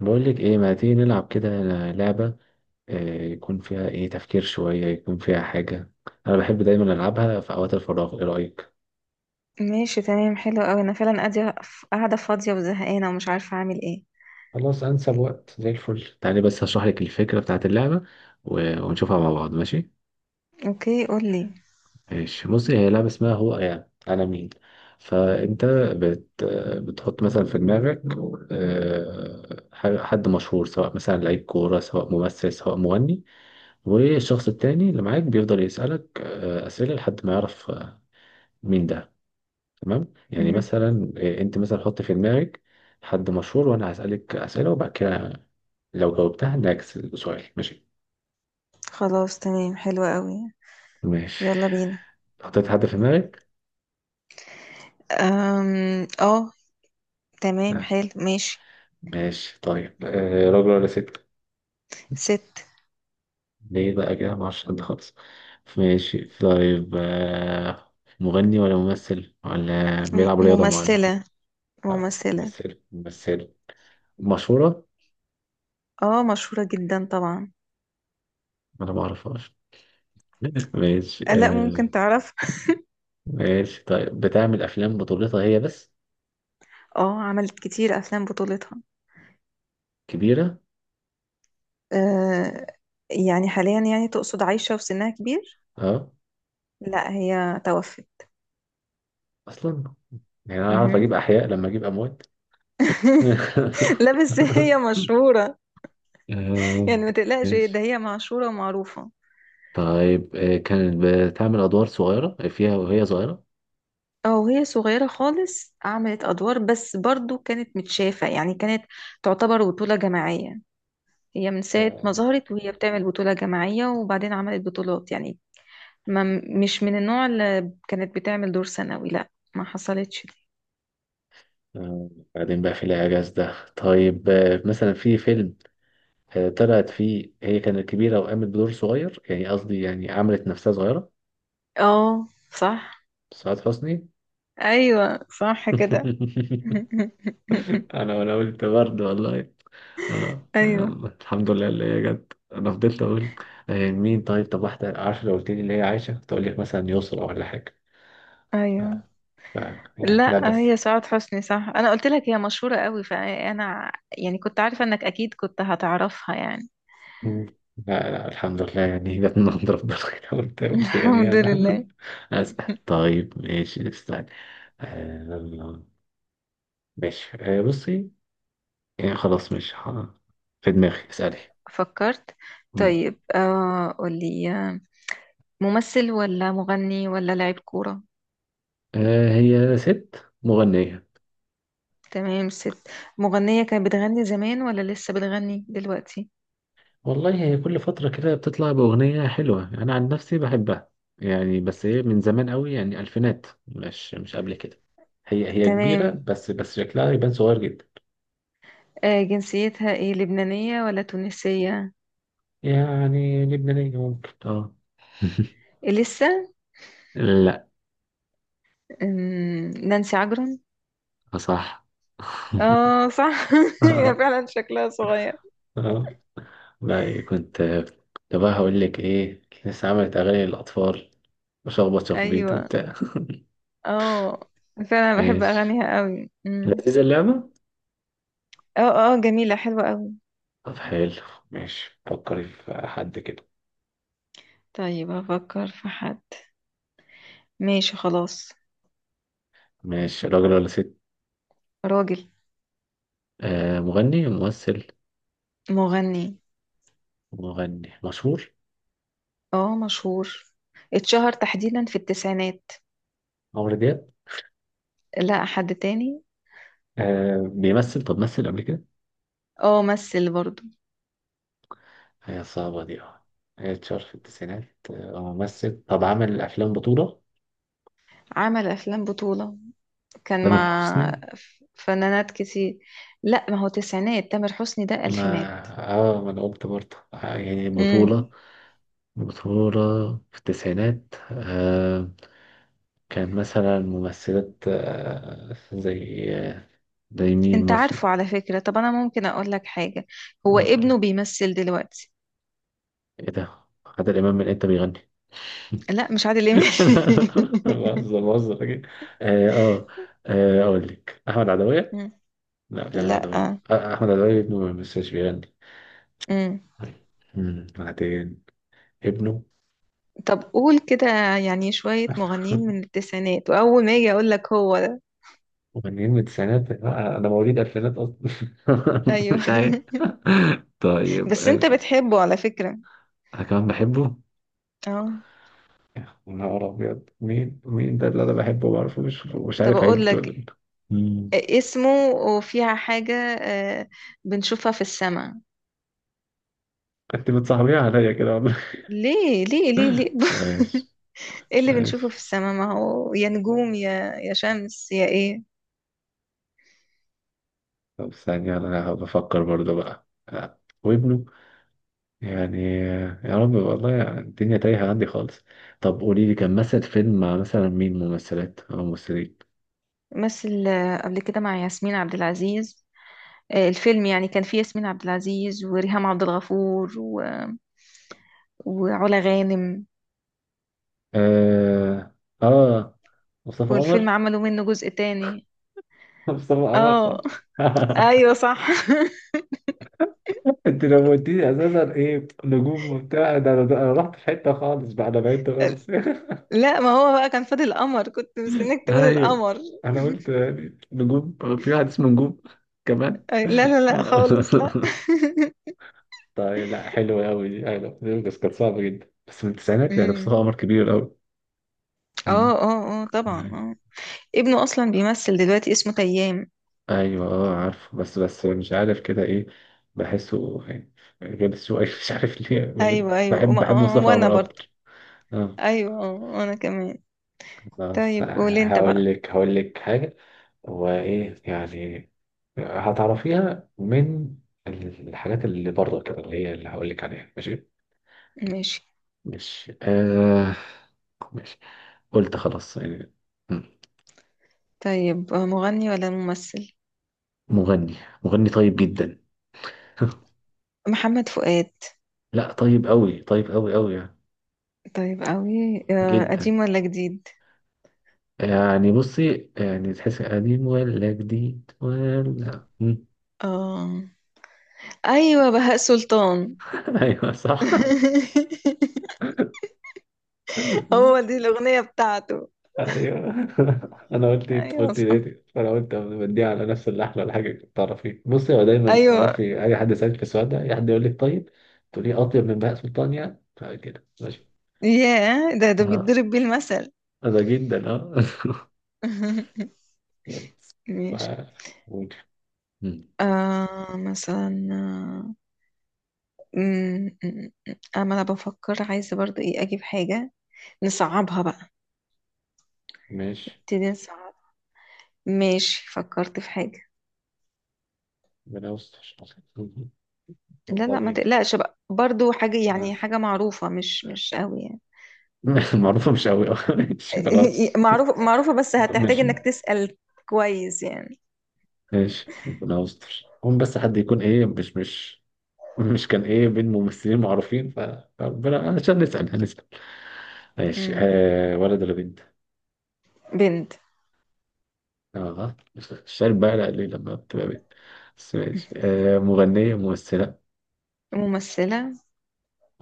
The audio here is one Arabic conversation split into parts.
بقولك ايه؟ ما تيجي نلعب كده لعبة؟ يكون فيها ايه؟ تفكير شوية، يكون فيها حاجة انا بحب دايما العبها في اوقات الفراغ. ايه رأيك؟ ماشي، تمام، حلو قوي. انا فعلا قاعده فاضيه وزهقانه ومش عارفه اعمل ايه. خلاص، انسب وقت زي الفل. تعالي بس هشرح لك الفكرة بتاعت اللعبة و- ونشوفها مع بعض، ماشي؟ اوكي، قولي. ماشي، بصي، هي لعبة اسمها هو، يعني انا مين. فانت بت... بتحط مثلا في دماغك حد مشهور، سواء مثلا لعيب كورة، سواء ممثل، سواء مغني. والشخص التاني اللي معاك بيفضل يسألك أسئلة لحد ما يعرف مين ده. تمام؟ يعني مهم. مثلا انت مثلا حط في دماغك حد مشهور، وانا هسألك أسئلة، وبعد كده لو جاوبتها نعكس السؤال، ماشي؟ خلاص، تمام، حلو قوي. ماشي. يلا بينا. حطيت حد في دماغك؟ اه. تمام، آه. حلو، ماشي. ماشي طيب، آه، راجل ولا ست؟ ست. ليه بقى كده؟ معرفش حد خالص. ماشي طيب، آه، مغني ولا ممثل ولا م- بيلعب رياضة معينة؟ ممثله آه، ممثله. ممثل ممثل. مشهورة؟ اه، مشهوره جدا طبعا. أنا ما أعرفهاش. ماشي، لا، آه. ممكن تعرف. ماشي طيب، بتعمل أفلام بطولتها هي بس؟ اه، عملت كتير افلام بطولتها. كبيرة؟ أه... يعني حاليا، يعني تقصد عايشه وسنها كبير؟ اه، لا، هي توفت. اصلا؟ يعني انا اعرف مهم. اجيب احياء لما اجيب اموات. لا، بس هي مشهورة. آه، يعني ما تقلقش، ده ماشي هي معشورة ومعروفة. طيب، كانت بتعمل ادوار صغيرة فيها وهي صغيرة؟ او هي صغيرة خالص عملت ادوار، بس برضو كانت متشافة، يعني كانت تعتبر بطولة جماعية. هي من ساعة ما آه، ظهرت وهي بتعمل بطولة جماعية، وبعدين عملت بطولات يعني. ما مش من النوع اللي كانت بتعمل دور ثانوي، لا. ما حصلتش دي. بعدين بقى في الإعجاز ده، طيب، مثلا في فيلم طلعت فيه هي كانت كبيرة وقامت بدور صغير، يعني قصدي يعني عملت نفسها صغيرة؟ اه، صح. سعاد حسني. ايوه، صح كده. انا قلت برضه والله. اه، ايوه يلا الحمد لله اللي هي جت، انا فضلت اقول مين. طيب، طب واحده عارفه، لو قلت لي اللي هي عايشه كنت اقول لك مثلا يسرا ولا حاجه. ف... ايوه. ف... يعني لا لا، بس. هي سعاد حسني صح. انا قلت لك هي مشهورة قوي، فانا يعني كنت عارفة انك اكيد كنت هتعرفها يعني. مم. لا الحمد لله، يعني جت من عند ربنا كده. قلت قلت يعني الحمد انا لله. اسال. طيب ماشي، استنى. آه، ماشي، بصي، يعني خلاص مش في دماغي، اسالي. فكرت. مم. طيب، قولي. ممثل ولا مغني ولا لاعب كورة؟ هي ست مغنيه. تمام، ست. مغنية. كانت بتغني زمان ولا لسه بتغني دلوقتي؟ والله هي كل فترة كده بتطلع بأغنية حلوة، أنا عن نفسي بحبها، يعني. بس هي من زمان قوي، يعني ألفينات، مش قبل كده. هي كبيرة تمام. بس شكلها يبان صغير جدا. جنسيتها ايه، لبنانية ولا تونسية؟ يعني لبنانية ممكن، اه. إيه، لسه؟ لا. نانسي عجرم. صح. اه، صح. هي اه، فعلا شكلها صغير. آه. لا كنت كنت بقى هقول لك ايه، لسه عملت اغاني للاطفال وشخبط شخبيط ايوه، وبتاع. اه، فعلا بحب ماشي، اغانيها قوي. لذيذة اللعبة. اه، اه، جميلة، حلوة قوي. طب حلو، ماشي، فكري في حد كده. طيب، هفكر في حد. ماشي، خلاص. ماشي، راجل ولا ست؟ راجل. آه، مغني، ممثل؟ مغني. مغني مشهور؟ اه، مشهور. اتشهر تحديدا في التسعينات. عمرو دياب؟ لا، حد تاني. آه، بيمثل؟ طب مثل قبل كده؟ اه، مثل برضو. هي صعبة دي، اه. هي اتشهر في التسعينات. آه هو ممثل، طب عمل أفلام بطولة؟ عمل افلام بطولة. كان تامر مع حسني؟ فنانات كتير. لا، ما هو تسعينات. تامر حسني ده ما الفينات. اه، ما أنا قلت برضه، يعني امم بطولة، بطولة في التسعينات. آه، كان مثلا ممثلات زي زي مين انت ممثل؟ عارفه على فكرة. طب انا ممكن اقول لك حاجة؟ هو آه، ابنه بيمثل دلوقتي. ايه ده؟ عادل إمام من انت بيغني؟ لا، مش عادل امام. بهزر، بهزر أكيد. اه اه، اقول لك احمد عدوية. مم. لا مش احمد لا، عدوية، احمد عدوية ابنه بس مش بيغني. مم. مم، بعدين ابنه. طب، قول كده. يعني شوية مغنيين من التسعينات، وأول ما أجي أقول لك هو ده. مغنيين من التسعينات؟ لا، انا مواليد الفينات اصلا. أيوه. مش عارف. طيب، بس أنت بتحبه على فكرة. انا كمان بحبه. اه. يا نهار ابيض، مين مين ده اللي انا بحبه ما اعرفه؟ مش طب، عارف أقول عيلته ولا لك إيه. مم. اسمه، وفيها حاجة. آه، بنشوفها في السماء. انت بتصاحبيها عليا كده والله. ليه؟ ليه؟ ليه؟ ليه؟ ماشي. ايه اللي بنشوفه في ماشي. السماء؟ ما هو يا نجوم، يا شمس، يا ايه. طب ثانية، أنا بفكر برضه بقى، وابنه، يعني يا رب، والله يعني الدنيا تايهة عندي خالص. طب قولي لي كان مثل فيلم مع مثلا مين، ممثلات أو ممثلين؟ مثل قبل كده مع ياسمين عبد العزيز. الفيلم يعني كان فيه ياسمين عبد العزيز وريهام عبد الغفور وعلا غانم. آه آه مصطفى والفيلم قمر. عملوا منه جزء تاني. مصطفى قمر صح. اه. ايوه، صح. انت لو قلتيلي اساسا ايه نجوم وبتاع، ده انا ده أنا رحت في حته خالص بقى، انا بعدت خالص. لا، ما هو بقى كان فاضل القمر، كنت مستنيك تقولي ايوه، القمر. انا قلت يعني نجوم، في واحد اسمه نجوم كمان. لا، لا، لا، خالص، لا. طيب لا حلو قوي دي، ايوه دي كانت صعبة جدا، بس من التسعينات يعني، امم بصراحة عمر كبير قوي. اه، مم. اه، اه، طبعا، اه. ابنه اصلا بيمثل دلوقتي، اسمه تيام. ايوه اه عارفه، بس مش عارف كده ايه، بحسه يعني غلس شوية مش عارف ليه. ايوه، ايوه، بحب بحب مصطفى وانا قمر برضو. اكتر، اه. ايوه، وانا كمان. بس طيب، قول انت هقول بقى. لك، هقول لك حاجة، هو ايه يعني، هتعرفيها من الحاجات اللي بره كده، اللي هي اللي هقول لك عليها، ماشي؟ ماشي، ماشي. آه ماشي، قلت خلاص يعني. طيب. مغني ولا ممثل؟ مغني. مغني طيب جدا. محمد فؤاد. لا، طيب قوي، طيب قوي قوي يعني، طيب قوي. جدا. قديم ولا جديد؟ يعني بصي، يعني تحس قديم ولا جديد، ولا مم. آه. ايوه، بهاء سلطان. ايوه صح. هو دي الاغنيه بتاعته؟ ايوه. انا قلت إيه؟ ايوه، قلت صح. ليه؟ فانا قلت بديها على نفس اللحن ولا حاجه، تعرفي بصي، هو دايما ايوه. اعرفي اي حد يسالك في السؤال ده، اي حد يقول لك طيب، تقولي اطيب من بهاء سلطان يعني، كده ماشي. ياه، ده اه بيتضرب بيه المثل. ده جدا اه. ماشي. ف- ممكن. مم. مثلا، اما انا بفكر عايزه برضو ايه اجيب حاجه نصعبها بقى. ماشي، نبتدي نصعب. ماشي، فكرت في حاجه. ربنا يستر لا، لا، ما والله. تقلقش بقى، برضو حاجه يعني خلاص. حاجه معروفه مش قوي يعني. المعروفة مش قوي. ماشي، خلاص. معروفة، معروفة، بس هتحتاج مش انك تسأل كويس يعني. ماشي، ربنا يستر، هم بس حد يكون ايه، مش كان ايه بين ممثلين معروفين، فربنا، عشان نسأل هنسأل. ماشي، امم آه، ولد ولا بنت؟ بنت. اه الشارب بقى، لا ليه لما بتبقى بنت؟ بس ماشي، آه، مغنية ممثلة؟ ممثلة.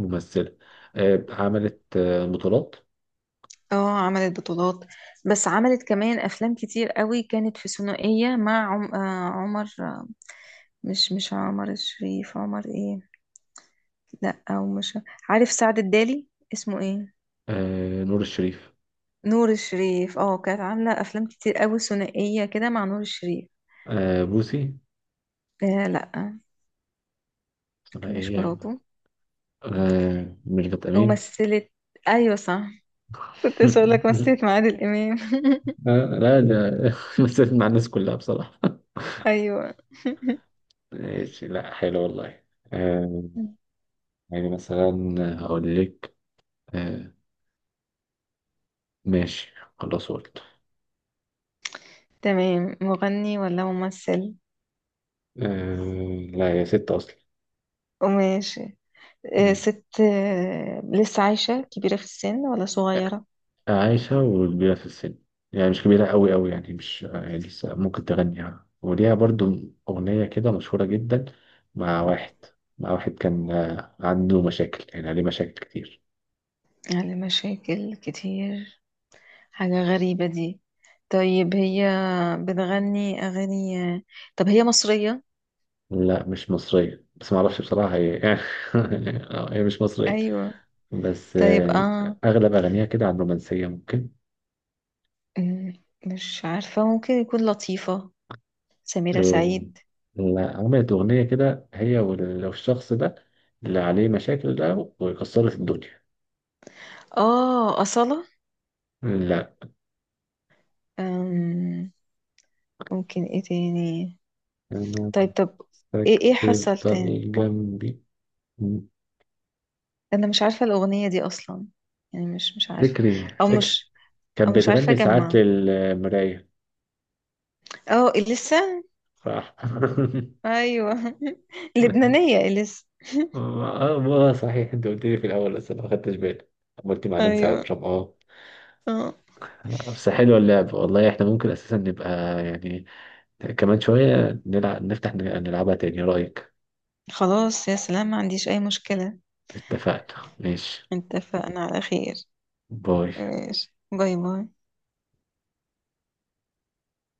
ممثلة. آه عملت آه بطولات؟ اه، عملت بطولات. بس عملت كمان أفلام كتير قوي. كانت في ثنائية مع عم... آه عمر. مش عمر الشريف، عمر ايه؟ لا، أو مش. عارف سعد الدالي اسمه ايه. آه نور الشريف. نور الشريف، اه. كانت عاملة أفلام كتير قوي ثنائية كده مع نور الشريف. آه بوسي. لا، اسمها مش ايه؟ مراته. آه ميرفت أمين. ومثلت. أيوة، صح. كنت لسه أقول لك مثلت مع عادل إمام. آه لا ده. مثلت مع الناس كلها بصراحة. أيوة. ماشي، لا حلو والله. آه يعني مثلا هقول لك آه ماشي، خلاص قلت. تمام. مغني ولا ممثل؟ آه لا هي ست أصلا. وماشي. مم. ست. لسه عايشة كبيرة في السن ولا صغيرة؟ عايشة وكبيرة في السن، يعني مش كبيرة قوي قوي يعني، مش يعني لسه ممكن تغنيها. وليها برضو أغنية كده مشهورة جدا مع واحد، مع واحد كان عنده مشاكل، يعني عليه مشاكل كتير. يعني مشاكل كتير؟ حاجة غريبة دي. طيب، هي بتغني أغاني. طب هي مصرية؟ لا مش مصرية، بس ما اعرفش بصراحة هي. هي مش مصرية، أيوة. بس طيب يعني آه اغلب اغانيها كده عن رومانسية ممكن. مم، مش عارفة ممكن يكون لطيفة. سميرة ال- سعيد. لا، عملت اغنية كده هي والشخص ده اللي عليه مشاكل ده، وكسرت الدنيا. أصالة. لا. أم، ممكن إيه تاني. انا طيب، طب. إيه مستكتر حصل تاني؟ ضل جنبي. انا مش عارفه الاغنيه دي اصلا. يعني مش عارفه. فكري او فكرة، مش او كانت مش عارفه بتغني ساعات اجمع. للمراية. اه، اليسا. صح. ايوه. لبنانيه اليسا. اه، ما صحيح انت قلت لي في الاول بس انا ما خدتش بالي. قلت مع نانسي ايوه، عجرم، اه. اه. بس حلوه اللعب والله، احنا ممكن اساسا نبقى يعني كمان شويه نلعب، نفتح نلعبها تاني. إيه رايك؟ خلاص، يا سلام، ما عنديش اي مشكله. اتفقنا، ماشي؟ اتفقنا على خير. باي. ماشي، باي باي.